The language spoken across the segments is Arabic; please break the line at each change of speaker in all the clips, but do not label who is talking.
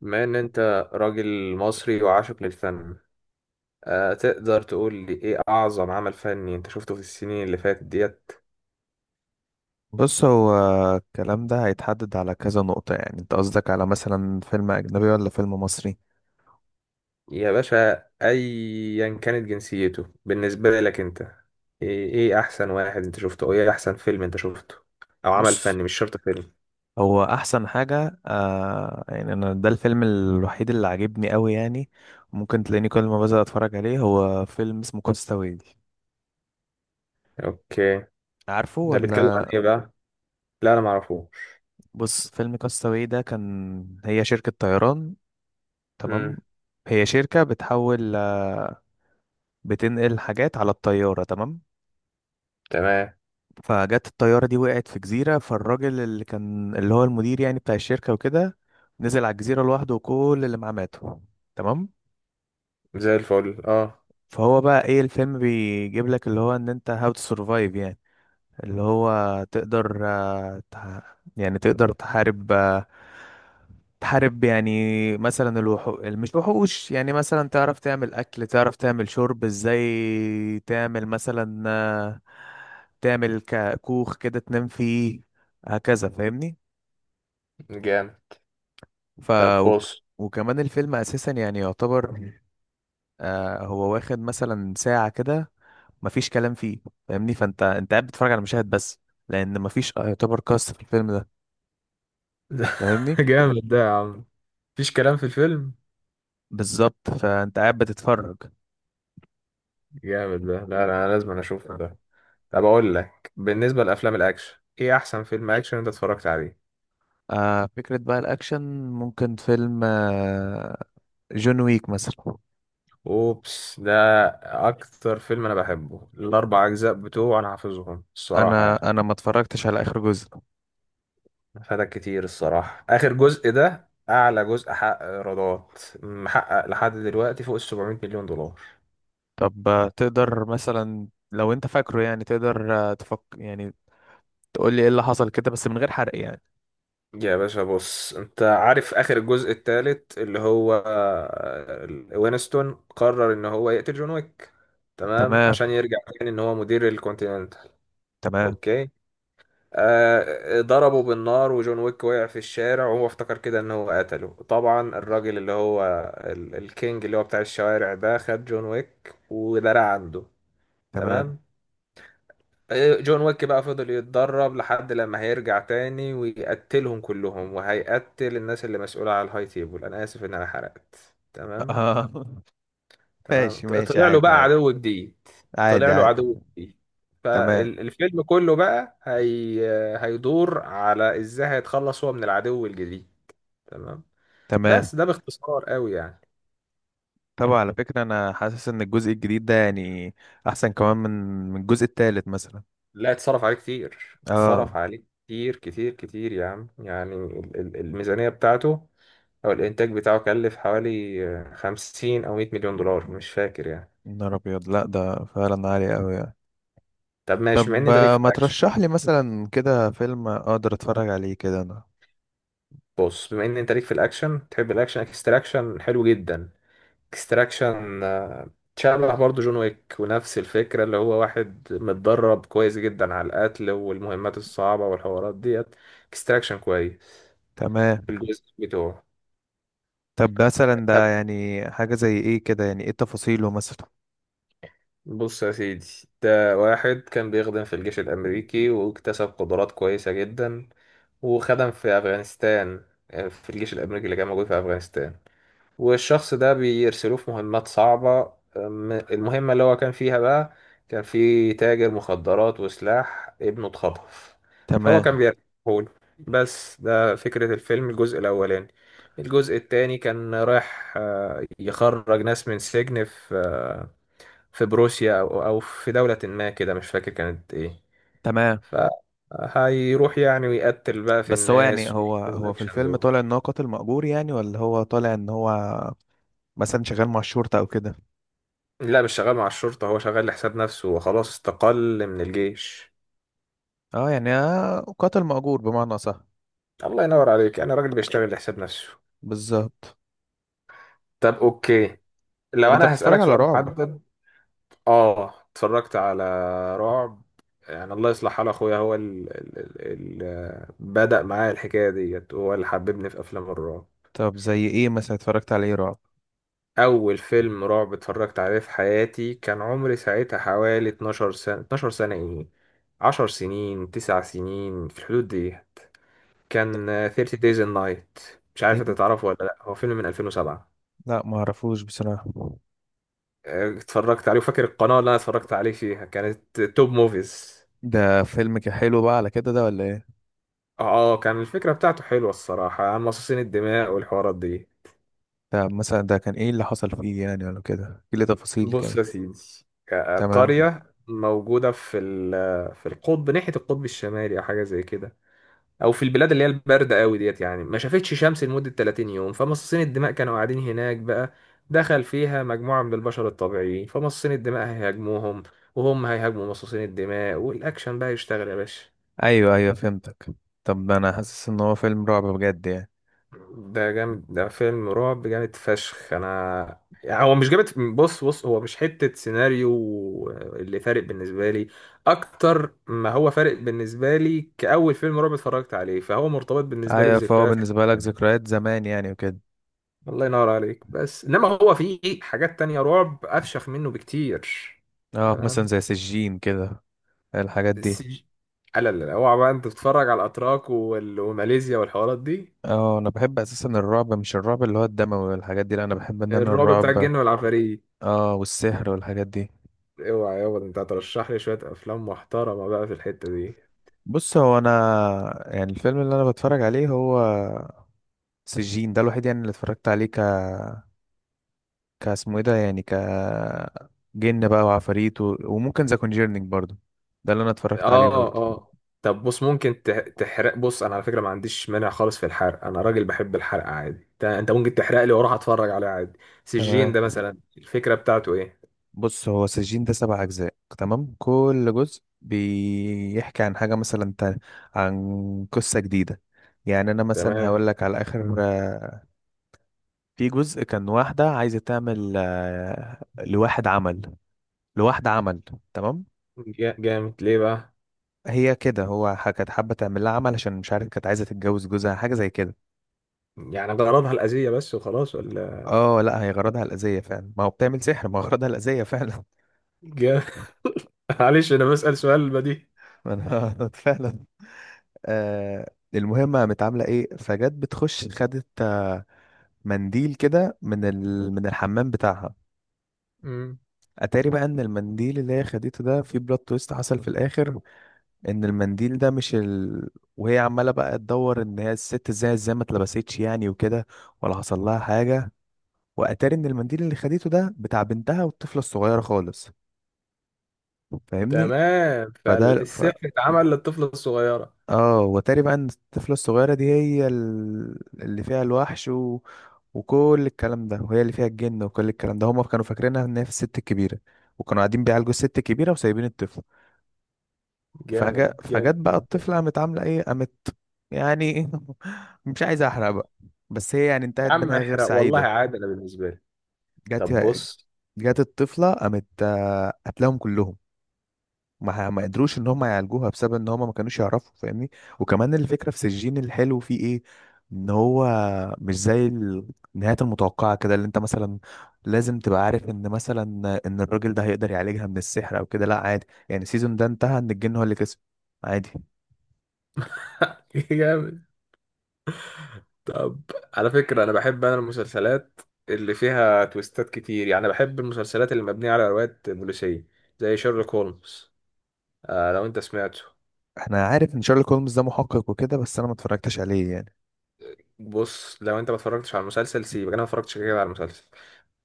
بما ان انت راجل مصري وعاشق للفن، تقدر تقول لي ايه اعظم عمل فني انت شفته في السنين اللي فاتت ديت؟
بص هو الكلام ده هيتحدد على كذا نقطة، يعني انت قصدك على مثلا فيلم أجنبي ولا فيلم مصري؟
يا باشا، ايا كانت جنسيته. بالنسبة لك انت إيه احسن واحد انت شفته، او ايه احسن فيلم انت شفته، او عمل
بص،
فني مش شرط فيلم؟
هو أحسن حاجة يعني أنا، ده الفيلم الوحيد اللي عاجبني أوي يعني. ممكن تلاقيني كل ما بزهق أتفرج عليه، هو فيلم اسمه كاستاوي.
اوكي.
عارفه
ده بيتكلم عن
ولا؟
ايه بقى؟ لا، انا معرفوش.
بص، فيلم كاستاوي ده كان هي شركة طيران. تمام.
امم.
هي شركة بتحول بتنقل حاجات على الطيارة. تمام.
تمام.
فجت الطيارة دي وقعت في جزيرة، فالراجل اللي كان اللي هو المدير يعني بتاع الشركة وكده نزل على الجزيرة لوحده وكل اللي معاه ماتوا. تمام.
زي الفل، اه.
فهو بقى ايه، الفيلم بيجيب لك اللي هو ان انت هاو تو سرفايف يعني. اللي هو تقدر يعني تقدر تحارب، تحارب يعني مثلا الوحوش، مش وحوش يعني، مثلا تعرف تعمل أكل، تعرف تعمل شرب ازاي، تعمل مثلا تعمل كوخ كده تنام فيه. هكذا، فاهمني؟
جامد.
ف
طب
وك-
بص.
وكمان الفيلم أساسا يعني يعتبر هو واخد مثلا ساعة كده، مفيش كلام فيه. فاهمني؟ فانت قاعد بتتفرج على مشاهد بس، لأن مفيش يعتبر قصة في الفيلم ده.
ده
فاهمني؟
جامد ده يا عم، مفيش كلام في الفيلم.
بالظبط، فانت قاعد بتتفرج.
جامد ده. لا لا، انا لازم اشوفه ده. طب اقول لك، بالنسبه لافلام الاكشن، ايه احسن فيلم اكشن انت اتفرجت عليه؟
آه، فكرة بقى الأكشن، ممكن فيلم آه، جون ويك مثلا.
اوبس ده اكتر فيلم انا بحبه، الاربع اجزاء بتوعه انا حافظهم الصراحه يعني.
أنا ما اتفرجتش على آخر جزء.
فاتك كتير الصراحه، اخر جزء ده اعلى جزء حقق ايرادات، محقق لحد دلوقتي فوق ال 700 مليون دولار.
طب تقدر مثلا لو أنت فاكره يعني، تقدر تفك يعني، تقول لي إيه اللي حصل كده بس من غير حرق يعني.
يا باشا بص، انت عارف اخر الجزء الثالث اللي هو وينستون قرر ان هو يقتل جون ويك، تمام،
تمام.
عشان يرجع تاني ان هو مدير الكونتيننتال.
تمام.
اوكي. آه ضربه بالنار وجون ويك وقع في الشارع وهو افتكر كده ان هو قتله. طبعا الراجل اللي هو الكينج اللي هو بتاع الشوارع ده، خد جون ويك ودرع عنده.
تمام.
تمام. جون ويك بقى فضل يتدرب لحد لما هيرجع تاني ويقتلهم كلهم، وهيقتل الناس اللي مسؤولة على الهاي تيبل. انا اسف ان انا حرقت. تمام.
آه.
تمام.
ماشي ماشي،
طلع له
عادي
بقى
عادي.
عدو جديد. طلع
عادي
له عدو
عادي.
جديد.
تمام.
فالفيلم كله بقى هي... هيدور على ازاي هيتخلص هو من العدو الجديد. تمام.
تمام.
بس ده باختصار قوي يعني.
طبعا على فكرة أنا حاسس إن الجزء الجديد ده يعني أحسن كمان من، من الجزء التالت مثلا.
لا، اتصرف عليه كتير،
اه.
اتصرف عليه كتير كتير كتير يا عم، يعني الميزانية بتاعته أو الإنتاج بتاعه كلف حوالي 50 أو 100 مليون دولار مش فاكر يعني.
نهار أبيض! لأ ده فعلا عالي أوي يعني.
طب ماشي، بما إن
طب
أنت ليك في
ما
الأكشن،
ترشح لي مثلا كده فيلم أقدر أتفرج عليه كده أنا.
بص بما إن أنت ليك في الأكشن تحب الأكشن، اكستراكشن حلو جدا. اكستراكشن شبه برضه جون ويك، ونفس الفكرة اللي هو واحد متدرب كويس جدا على القتل والمهمات الصعبة والحوارات ديت. اكستراكشن كويس
تمام.
الجزء بتوعه.
طب مثلا ده يعني حاجة زي إيه كده، يعني إيه تفاصيله مثلا؟
بص يا سيدي، ده واحد كان بيخدم في الجيش الأمريكي واكتسب قدرات كويسة جدا، وخدم في أفغانستان. في الجيش الأمريكي اللي كان موجود في أفغانستان، والشخص ده بيرسلوه في مهمات صعبة. المهمة اللي هو كان فيها بقى، كان في تاجر مخدرات وسلاح ابنه اتخطف، فهو كان
تمام.
بيرجعهول. بس ده فكرة الفيلم الجزء الأولاني. الجزء التاني كان رايح يخرج ناس من سجن في في بروسيا أو في دولة ما كده، مش فاكر كانت إيه.
تمام.
فهيروح يعني ويقتل بقى في
بس هو يعني،
الناس
هو
ويعمل
هو في
الأكشن
الفيلم
دول.
طالع إن هو قاتل مأجور يعني، ولا هو طالع إن هو مثلا شغال مع الشرطة أو كده؟
لا، مش شغال مع الشرطة، هو شغال لحساب نفسه وخلاص، استقل من الجيش.
أه، يعني قاتل مأجور بمعنى صح.
الله ينور عليك، أنا راجل بيشتغل لحساب نفسه.
بالظبط.
طب أوكي،
طب
لو
أنت
أنا
بتتفرج
هسألك
على
سؤال
رعب؟
محدد. آه، اتفرجت على رعب. يعني الله يصلح حال أخويا، هو اللي بدأ معايا الحكاية ديت، هو اللي حببني في أفلام الرعب.
طب زي إيه مثلا اتفرجت على إيه رعب؟
اول فيلم رعب اتفرجت عليه في حياتي كان عمري ساعتها حوالي 12 سنة، 12 سنة ايه، 10 سنين 9 سنين في الحدود ديت.
ده
كان 30 Days and Night. مش عارف انت
ايه؟
تعرفه ولا لا، هو فيلم من 2007.
لا ما اعرفوش بصراحة.
اتفرجت عليه وفاكر القناة اللي انا اتفرجت عليه فيها كانت توب موفيز.
ده فيلم كان حلو بقى على كده ده ولا ايه؟
اه كان الفكرة بتاعته حلوة الصراحة، عن مصاصين الدماء والحوارات دي.
ده مثلا ده كان ايه اللي حصل فيه يعني، ولا كده ايه اللي تفاصيل
بص
كده؟
يا سيدي،
تمام.
قرية موجودة في في القطب، ناحية القطب الشمالي أو حاجة زي كده، او في البلاد اللي هي البارده قوي ديت، يعني ما شافتش شمس لمده 30 يوم. فمصاصين الدماء كانوا قاعدين هناك بقى، دخل فيها مجموعه من البشر الطبيعيين، فمصاصين الدماء هيهاجموهم، وهم هيهاجموا مصاصين الدماء، والاكشن بقى يشتغل يا باشا.
ايوه ايوه فهمتك. طب انا حاسس ان هو فيلم رعب بجد يعني.
ده جامد، ده فيلم رعب جامد فشخ. انا يعني هو مش جامد. بص بص، هو مش حته سيناريو اللي فارق بالنسبه لي، اكتر ما هو فارق بالنسبه لي كاول فيلم رعب اتفرجت عليه، فهو مرتبط بالنسبه لي
ايوه، فهو
بذكريات.
بالنسبة لك ذكريات زمان يعني وكده.
الله ينور عليك. بس انما هو في حاجات تانية رعب افشخ منه بكتير.
اه مثلا
تمام.
زي سجين كده، الحاجات دي.
السج... لا لا لا، اوعى بقى انت تتفرج على الاتراك وماليزيا والحوارات دي.
اه انا بحب اساسا الرعب، مش الرعب اللي هو الدموي والحاجات دي، لا انا بحب ان انا
الرعب بتاع
الرعب،
الجن والعفاريت.
اه، والسحر والحاجات دي.
اوعى يابا، ده انت هترشح لي شوية افلام محترمة بقى في الحتة دي.
بص هو انا، يعني الفيلم اللي انا بتفرج عليه هو سجين. ده الوحيد يعني اللي اتفرجت عليه ك، كاسمه ايه ده يعني، ك، جن بقى وعفاريت و... وممكن ذا كونجيرنينج برضو، ده اللي انا اتفرجت عليه
اه
برضو.
اه. طب بص، ممكن تحرق. بص انا على فكرة ما عنديش مانع خالص في الحرق، انا راجل بحب الحرق عادي. أنت ممكن تحرق لي واروح اتفرج عليه عادي. سجين
تمام.
ده مثلا الفكرة بتاعته ايه؟
بص هو سجين ده سبع اجزاء، تمام، كل جزء بيحكي عن حاجة مثلا تانية، عن قصة جديدة. يعني انا مثلا هقول
تمام.
لك على اخر آه، في جزء، كان واحدة عايزة تعمل لواحد عمل، لواحدة عمل. تمام.
جامد ليه بقى؟
هي كده هو كانت حابة تعمل لها عمل عشان مش عارف كانت عايزة تتجوز جوزها، حاجة زي كده.
يعني غرضها الأذية بس وخلاص ولا؟
اه لا هي غرضها الأذية فعلا، ما هو بتعمل سحر، ما هو غرضها الأذية فعلا.
جا- معلش أنا بسأل سؤال بديهي.
ما انا فعلا. آه، المهم قامت عاملة ايه، فجت بتخش خدت منديل كده من من الحمام بتاعها.
مم.
اتاري بقى ان المنديل اللي هي خدته ده، في بلوت تويست حصل في الاخر، ان المنديل ده مش وهي عمالة بقى تدور ان هي الست ازاي ما اتلبستش يعني وكده، ولا حصل لها حاجة. واتاري ان المنديل اللي خدته ده بتاع بنتها، والطفلة الصغيرة خالص. فاهمني؟
تمام،
فده،
فالسحر اتعمل للطفلة الصغيرة.
اه، واتاري بقى ان الطفلة الصغيرة دي هي اللي فيها الوحش و... وكل الكلام ده، وهي اللي فيها الجن وكل الكلام ده. هما كانوا فاكرينها ان هي في الست الكبيرة، وكانوا قاعدين بيعالجوا الست الكبيرة وسايبين الطفل.
جامد،
فجأة فجت
جامد
بقى
جدا.
الطفلة قامت عاملة ايه، قامت يعني، مش عايز احرق بقى، بس هي يعني انتهت
يا عم
بنهاية غير
احرق والله
سعيدة.
عادي أنا بالنسبة لي.
جت،
طب بص.
جت الطفلة قامت قتلهم كلهم. ما قدروش ان هم يعالجوها بسبب ان هم ما كانوش يعرفوا. فاهمني؟ وكمان الفكره في سجين الحلو فيه ايه، ان هو مش زي النهايات المتوقعه كده، اللي انت مثلا لازم تبقى عارف ان مثلا ان الراجل ده هيقدر يعالجها من السحر او كده. لا عادي يعني، السيزون ده انتهى ان الجن هو اللي كسب، عادي.
جامد. طب، على فكرة أنا بحب أنا المسلسلات اللي فيها تويستات كتير، يعني بحب المسلسلات اللي مبنية على روايات بوليسية زي شيرلوك هولمز. آه لو أنت سمعته.
احنا عارف ان شارلوك هولمز ده محقق وكده، بس انا ما اتفرجتش عليه يعني.
بص لو انت ما اتفرجتش على المسلسل سيبك، انا ما اتفرجتش كده كده على المسلسل.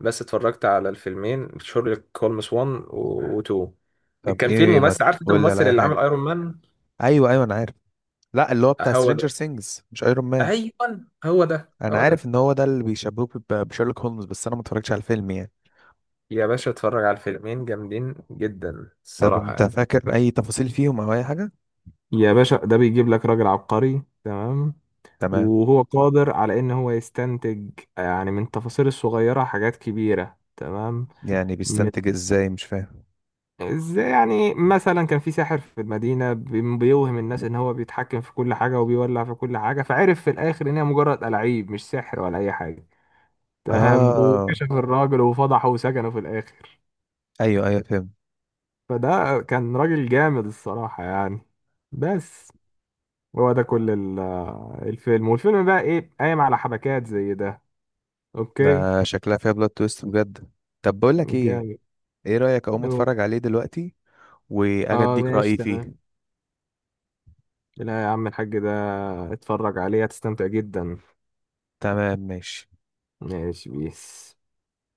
بس اتفرجت على الفيلمين شيرلوك هولمز 1 و 2.
طب
كان في
ايه، ما
الممثل، عارف انت
تقول لي على
الممثل
اي
اللي عامل
حاجه.
ايرون مان؟
ايوه ايوه انا عارف. لا اللي هو بتاع
هو
سترينجر
ده.
سينجز، مش ايرون مان.
ايوه، هو ده
انا
هو
عارف
ده.
ان هو ده اللي بيشبهوه بشيرلوك هولمز، بس انا ما اتفرجتش على الفيلم يعني.
يا باشا اتفرج على الفيلمين، جامدين جدا
طب
الصراحة
انت
يعني.
فاكر اي تفاصيل فيهم او اي حاجه؟
يا باشا ده بيجيب لك راجل عبقري، تمام،
تمام.
وهو قادر على ان هو يستنتج يعني من التفاصيل الصغيرة حاجات كبيرة. تمام.
يعني
من
بيستنتج ازاي، مش فاهم.
ازاي يعني؟ مثلا كان في ساحر في المدينة بيوهم الناس ان هو بيتحكم في كل حاجة وبيولع في كل حاجة، فعرف في الاخر ان هي مجرد ألاعيب، مش سحر ولا اي حاجة. تمام،
اه.
وكشف الراجل وفضحه وسجنه في الاخر.
ايوه ايوه فهمت.
فده كان راجل جامد الصراحة يعني. بس هو ده كل الفيلم، والفيلم بقى ايه قايم على حبكات زي ده. اوكي.
ده شكلها فيها بلوت تويست بجد. طب بقول لك ايه،
جامد.
ايه رايك اقوم اتفرج عليه دلوقتي واجي
اه
اديك
ماشي
رايي
تمام.
فيه؟
لا يا عم الحاج، ده اتفرج عليه هتستمتع جدا.
تمام ماشي.
ماشي بيس.